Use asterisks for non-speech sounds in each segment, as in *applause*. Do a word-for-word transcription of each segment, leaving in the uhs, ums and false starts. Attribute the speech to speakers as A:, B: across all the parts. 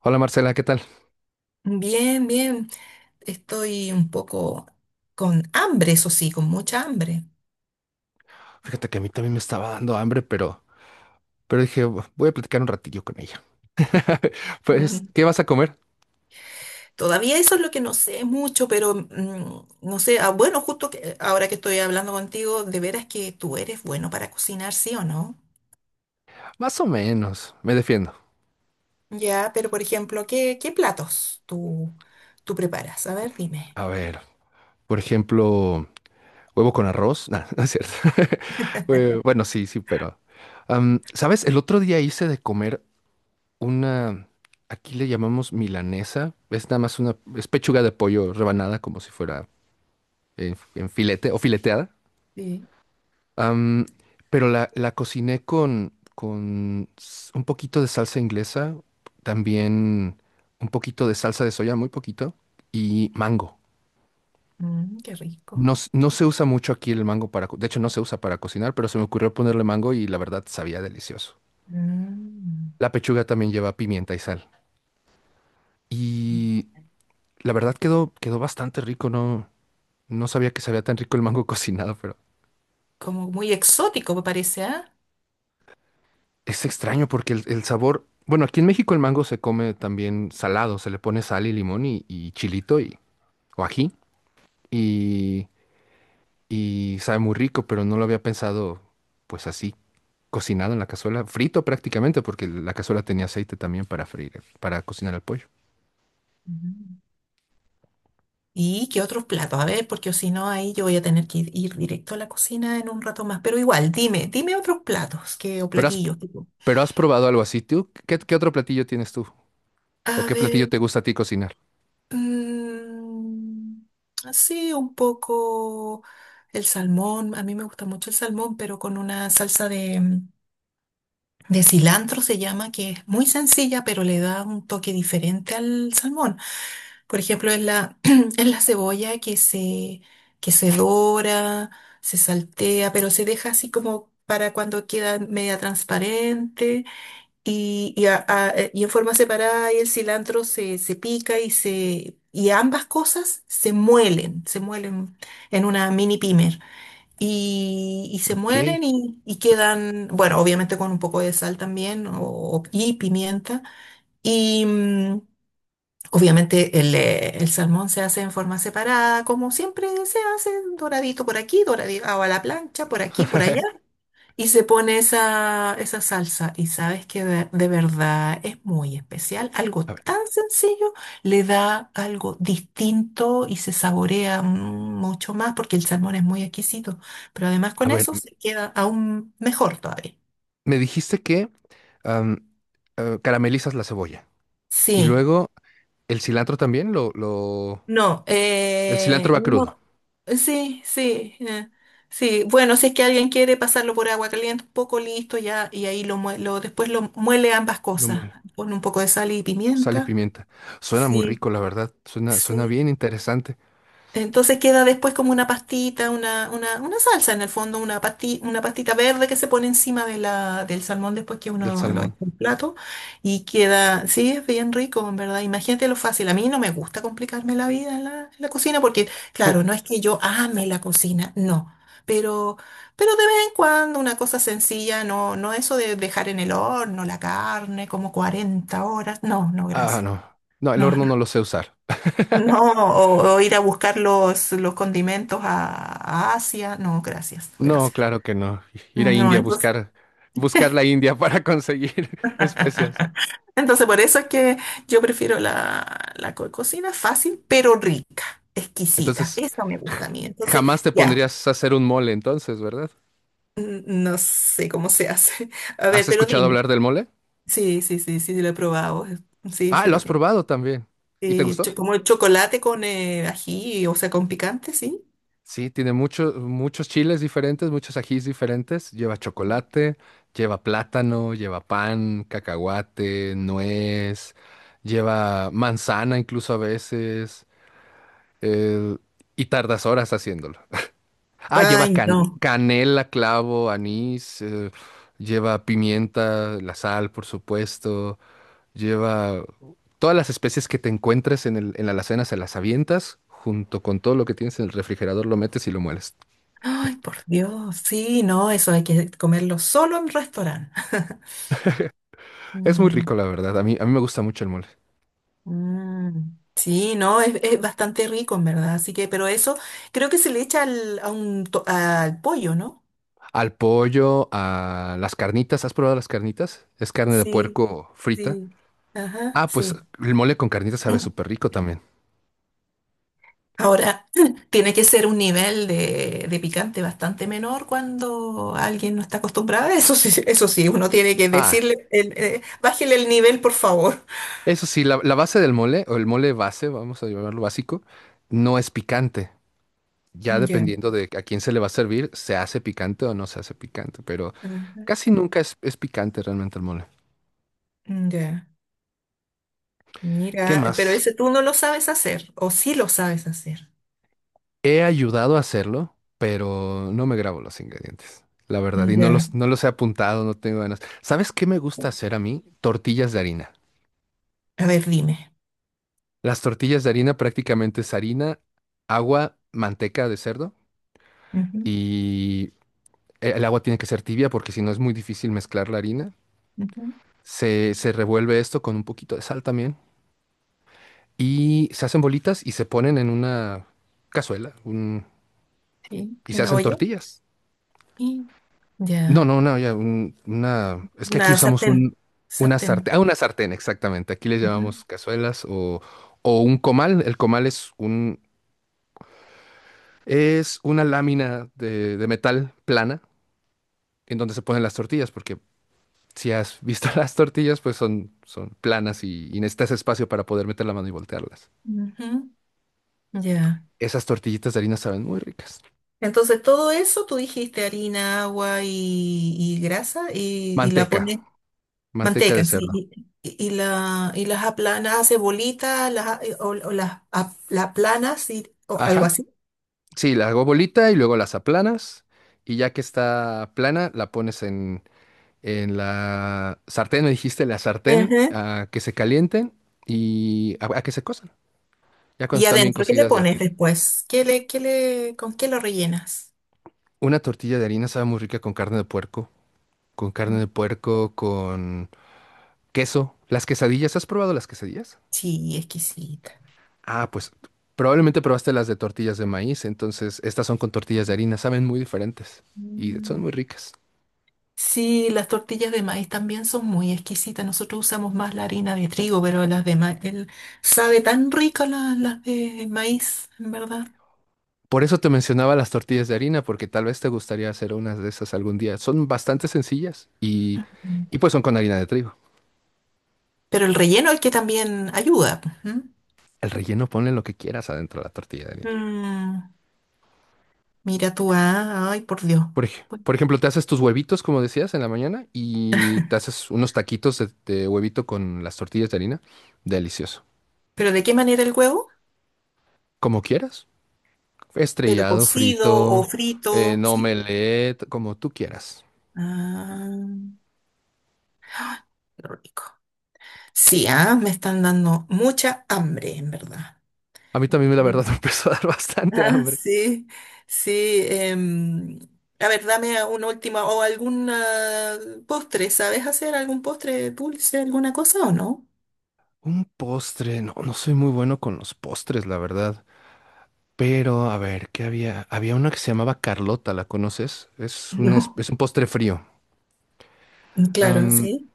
A: Hola Marcela, ¿qué tal?
B: Bien, bien. Estoy un poco con hambre, eso sí, con mucha hambre.
A: Fíjate que a mí también me estaba dando hambre, pero, pero dije, "Bu- voy a platicar un ratillo con ella." *laughs* Pues,
B: Mm.
A: ¿qué vas a comer?
B: Todavía eso es lo que no sé mucho, pero mm, no sé, ah, bueno, justo que, eh, ahora que estoy hablando contigo, de veras que tú eres bueno para cocinar, ¿sí o no?
A: Más o menos, me defiendo.
B: Ya, pero por ejemplo, ¿qué, qué platos tú, tú preparas? A ver, dime.
A: A ver, por ejemplo, huevo con arroz. Nah, *laughs* no es cierto. *laughs* Eh, Bueno, sí, sí, pero... am, ¿sabes? El otro día hice de comer una... Aquí le llamamos milanesa. Es nada más una... Es pechuga de pollo rebanada como si fuera en en filete o fileteada.
B: Sí.
A: Am, pero la, la cociné con, con s- un poquito de salsa inglesa, también un poquito de salsa de soya, muy poquito, y mango.
B: Mm, qué
A: No,
B: rico.
A: s- no se usa mucho aquí el mango para, co- de hecho no se usa para cocinar, pero se me ocurrió ponerle mango y la verdad sabía delicioso.
B: Mm.
A: La pechuga también lleva pimienta y sal. Y la verdad quedó, quedó bastante rico, no, no sabía que sabía tan rico el mango *laughs* cocinado, pero
B: Como muy exótico, me parece, ¿ah?
A: es extraño porque el, el sabor, bueno, aquí en México el mango se come también salado, se le pone sal y limón y, y chilito y, o ají y, y sabe muy rico, pero no lo había pensado pues así, cocinado en la cazuela, frito prácticamente porque la cazuela tenía aceite también para freír, el- para cocinar el pollo.
B: ¿Y qué otros platos? A ver, porque si no, ahí yo voy a tener que ir, ir directo a la cocina en un rato más. Pero igual, dime, dime otros platos que, o
A: Pero has,
B: platillos, tipo.
A: pero has probado algo así, ¿tú? ¿Qué, qué otro platillo tienes tú? ¿O
B: A
A: qué platillo
B: ver,
A: te gusta a ti cocinar?
B: mm, sí, un poco el salmón. A mí me gusta mucho el salmón, pero con una salsa de, mm, de cilantro se llama, que es muy sencilla, pero le da un toque diferente al salmón. Por ejemplo, es la, *clears throat* es la cebolla que se, que se dora, se saltea, pero se deja así como para cuando queda media transparente y, y, a- a- eh, y en forma separada y el cilantro se, se pica y se y ambas cosas se muelen, se muelen en una mini pimer y, y se
A: Ok.
B: muelen y, y quedan, bueno, obviamente con un poco de sal también o, y pimienta. y mm, Obviamente el, eh, el salmón se hace en forma separada, como siempre se hace, doradito por aquí, doradito a la plancha, por aquí, por allá,
A: *laughs*
B: y se pone esa, esa salsa. Y sabes que de, de verdad es muy especial. Algo
A: A ver,
B: tan sencillo le da algo distinto y se saborea mm, mucho más porque el salmón es muy exquisito. Pero además
A: a
B: con
A: ver,
B: eso
A: m-
B: se queda aún mejor todavía.
A: me dijiste que am, eh, caramelizas la cebolla y
B: Sí.
A: luego el cilantro también lo, lo...
B: No,
A: El cilantro
B: eh,
A: va crudo.
B: no, sí, sí, eh, sí. Bueno, si es que alguien quiere pasarlo por agua caliente, un poco listo ya, y ahí lo, mue- lo después lo muele ambas
A: No
B: cosas.
A: muele.
B: Pone un poco de sal y
A: Sal y
B: pimienta.
A: pimienta. Suena muy
B: Sí,
A: rico, la verdad. Suena, suena
B: sí.
A: bien interesante
B: Entonces queda después como una pastita, una, una, una salsa en el fondo, una pasti- una pastita verde que se pone encima de la, del salmón después que
A: del
B: uno lo echa
A: salmón.
B: en plato y queda, sí, es bien rico, en verdad. Imagínate lo fácil. A mí no me gusta complicarme la vida en la, en la cocina porque,
A: Sí.
B: claro, no es que yo ame la cocina, no. Pero, pero de vez en cuando una cosa sencilla, no, no eso de dejar en el horno la carne como cuarenta horas. No, no,
A: Ah,
B: gracias.
A: no. No, el
B: No,
A: horno
B: no.
A: no lo sé usar.
B: No, o, o ir a buscar los, los condimentos a, a Asia. No, gracias,
A: No,
B: gracias.
A: claro que no. Ir a
B: No,
A: India a
B: entonces,
A: buscar, buscar la India para conseguir *laughs* especias.
B: *laughs* entonces por eso es que yo prefiero la, la co- cocina fácil, pero rica, exquisita.
A: Entonces,
B: Eso me gusta a mí. Entonces,
A: jamás te
B: ya,
A: pondrías a hacer un mole entonces, ¿verdad?
B: n- no sé cómo se hace. *laughs* A
A: ¿Has
B: ver, pero
A: escuchado
B: dime.
A: hablar del mole?
B: Sí, sí, sí, sí, lo he probado. Sí,
A: Ah,
B: sí,
A: lo
B: lo he
A: has
B: probado.
A: probado también. ¿Y te
B: Eh,
A: gustó?
B: cho- como el chocolate con eh, ají, o sea, con picante, sí.
A: Sí, tiene muchos muchos chiles diferentes, muchos ajís diferentes. Lleva chocolate, lleva plátano, lleva pan, cacahuate, nuez, lleva manzana incluso a veces. eh, y tardas horas haciéndolo. Ah, lleva
B: Ay,
A: can-
B: no.
A: canela, clavo, anís, eh, lleva pimienta, la sal, por supuesto. Lleva todas las especies que te encuentres en el, en la alacena, se las avientas junto con todo lo que tienes en el refrigerador, lo metes y lo mueles.
B: Ay, por Dios, sí, no, eso hay que comerlo solo en restaurante. *laughs*
A: Es muy
B: Mm,
A: rico, la verdad. A mí, a mí me gusta mucho el mole.
B: mm. Sí, no, es, es bastante rico, en verdad. Así que, pero eso creo que se le echa al, a un to- al pollo, ¿no?
A: Al pollo, a las carnitas. ¿Has probado las carnitas? Es carne de
B: Sí,
A: puerco frita.
B: sí. Ajá,
A: Ah, pues
B: sí.
A: el mole con carnitas sabe súper rico también.
B: Ahora, *clears throat* tiene que ser un nivel de, de picante bastante menor cuando alguien no está acostumbrado a eso. *laughs* Sí, sí, eso sí, uno tiene que
A: Ah,
B: decirle, el, eh, bájele el nivel, por favor.
A: eso sí, la, la base del mole, o el mole base, vamos a llamarlo básico, no es picante. Ya
B: Ya,
A: dependiendo de a quién se le va a servir, se hace picante o no se hace picante, pero
B: *laughs* ajá,
A: casi nunca es, es picante realmente el mole.
B: ya.
A: ¿Qué
B: Mira, pero
A: más?
B: ese tú no lo sabes hacer, o sí lo sabes hacer.
A: He ayudado a hacerlo, pero no me grabo los ingredientes, la verdad, y no
B: Ya.
A: los, no los he apuntado, no tengo ganas. ¿Sabes qué me gusta hacer a mí? Tortillas de harina.
B: A ver, dime.
A: Las tortillas de harina prácticamente es harina, agua, manteca de cerdo
B: Ujú,
A: y el agua tiene que ser tibia porque si no es muy difícil mezclar la harina.
B: ujú,
A: Se, se revuelve esto con un poquito de sal también y se hacen bolitas y se ponen en una cazuela un-
B: sí,
A: y se
B: una
A: hacen
B: olla.
A: tortillas.
B: Y
A: No,
B: ya.
A: no, no, ya, un- una. Es que aquí
B: Una
A: usamos
B: sartén.
A: un, una
B: Sartén.
A: sartén. Ah, una sartén, exactamente. Aquí les llamamos
B: Ujú,
A: cazuelas o, o un comal. El comal es un, es una lámina de, de metal plana en donde se ponen las tortillas, porque si has visto *laughs* las tortillas, pues son, son planas y, y necesitas espacio para poder meter la mano y voltearlas.
B: ujú, ya.
A: Esas tortillitas de harina saben muy ricas.
B: Entonces, todo eso tú dijiste harina, agua y, y grasa y, y la
A: Manteca,
B: pones,
A: manteca de
B: manteca, sí,
A: cerdo.
B: y, y- y la, y las aplanas, haces bolitas, las, a- o, o las, a- las aplanas y, o algo
A: Ajá.
B: así.
A: Sí, la hago bolita y luego las aplanas. Y ya que está plana, la pones en, En la sartén me dijiste, la sartén, a que se calienten y a, a que se cozan. Ya cuando
B: ¿Y
A: están bien
B: adentro qué le
A: cocidas, ya
B: pones
A: te.
B: después? ¿Qué le, qué le, ¿con qué lo rellenas?
A: Una tortilla de harina sabe muy rica con carne de puerco, con carne
B: Mm,
A: de puerco, con queso. Las quesadillas, ¿has probado las quesadillas?
B: sí, exquisita.
A: Ah, pues probablemente probaste las de tortillas de maíz, entonces estas son con tortillas de harina, saben muy diferentes y son
B: Mm.
A: muy ricas.
B: Sí, las tortillas de maíz también son muy exquisitas. Nosotros usamos más la harina de trigo, pero las de maíz, sabe tan rico la- las de maíz, en verdad.
A: Por eso te mencionaba las tortillas de harina, porque tal vez te gustaría hacer unas de esas algún día. Son bastante sencillas y,
B: Mm.
A: y pues son con harina de trigo.
B: Pero el relleno es que también ayuda. Pues, ¿m?
A: El relleno ponle lo que quieras adentro de la tortilla de harina.
B: Mm, mira tú, ah, ay, por Dios.
A: Por, ej-
B: Pues,
A: por ejemplo, te haces tus huevitos, como decías, en la mañana y te haces unos taquitos de, de huevito con las tortillas de harina. Delicioso.
B: ¿pero de qué manera el huevo?
A: Como quieras.
B: ¿Pero
A: Estrellado,
B: cocido o
A: frito,
B: frito?
A: en
B: ¿Sí?
A: omelette, como tú quieras.
B: Ah, qué rico. Sí, ah, me están dando mucha hambre, en verdad.
A: A mí también, la
B: Sí. *laughs*
A: verdad, *laughs* me empezó a dar bastante
B: Ah,
A: hambre.
B: sí, sí. em, a ver, dame una última o algún ah, postre. ¿Sabes hacer algún postre dulce, alguna cosa o no?
A: Un postre. No, no soy muy bueno con los postres, la verdad. Pero, a ver, ¿qué había? Había una que se llamaba Carlota, ¿la conoces? Es un, es es un
B: *laughs*
A: postre frío.
B: No. Claro, sí.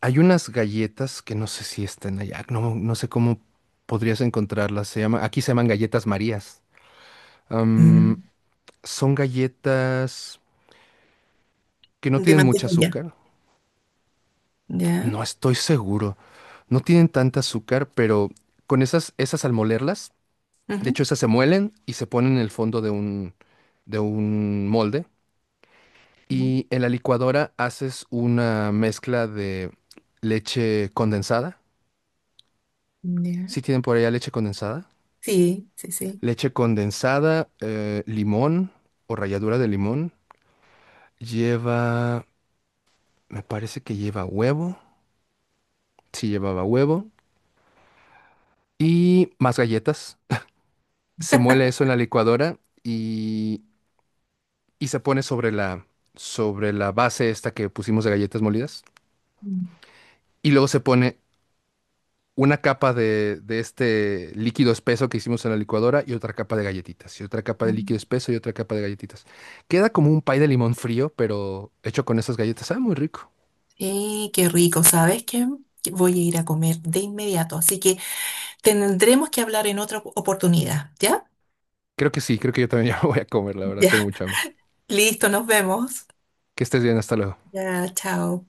A: Hay unas galletas que no sé si están allá, no, no sé cómo podrías encontrarlas. Se llama, aquí se llaman galletas Marías. Am,
B: Mm,
A: son galletas que no
B: de
A: tienen mucho
B: mantequilla.
A: azúcar.
B: Ya.
A: No estoy seguro. No tienen tanta azúcar, pero con esas, esas al molerlas, de
B: Ujú.
A: hecho, esas se muelen y se ponen en el fondo de un, de un molde. Y en la licuadora haces una mezcla de leche condensada.
B: Mm, ya.
A: ¿Sí tienen por allá leche condensada?
B: Sí, sí, sí.
A: Leche condensada, eh, limón o ralladura de limón. Lleva, me parece que lleva huevo. Sí, llevaba huevo. Y más galletas. Se muele eso en la licuadora y, y se pone sobre la, sobre la base esta que pusimos de galletas molidas.
B: Mm.
A: Y luego se pone una capa de, de este líquido espeso que hicimos en la licuadora y otra capa de galletitas. Y otra capa de líquido
B: Mm.
A: espeso y otra capa de galletitas. Queda como un pay de limón frío, pero hecho con esas galletas. Ah, muy rico.
B: Sí, qué rico. ¿Sabes qué? Que voy a ir a comer de inmediato, así que tendremos que hablar en otra oportunidad, ¿ya?
A: Creo que sí, creo que yo también *laughs* ya me voy a comer, la verdad,
B: Ya,
A: tengo mucha hambre.
B: *laughs* listo, nos vemos.
A: Que estés bien, hasta luego.
B: Ya, chao.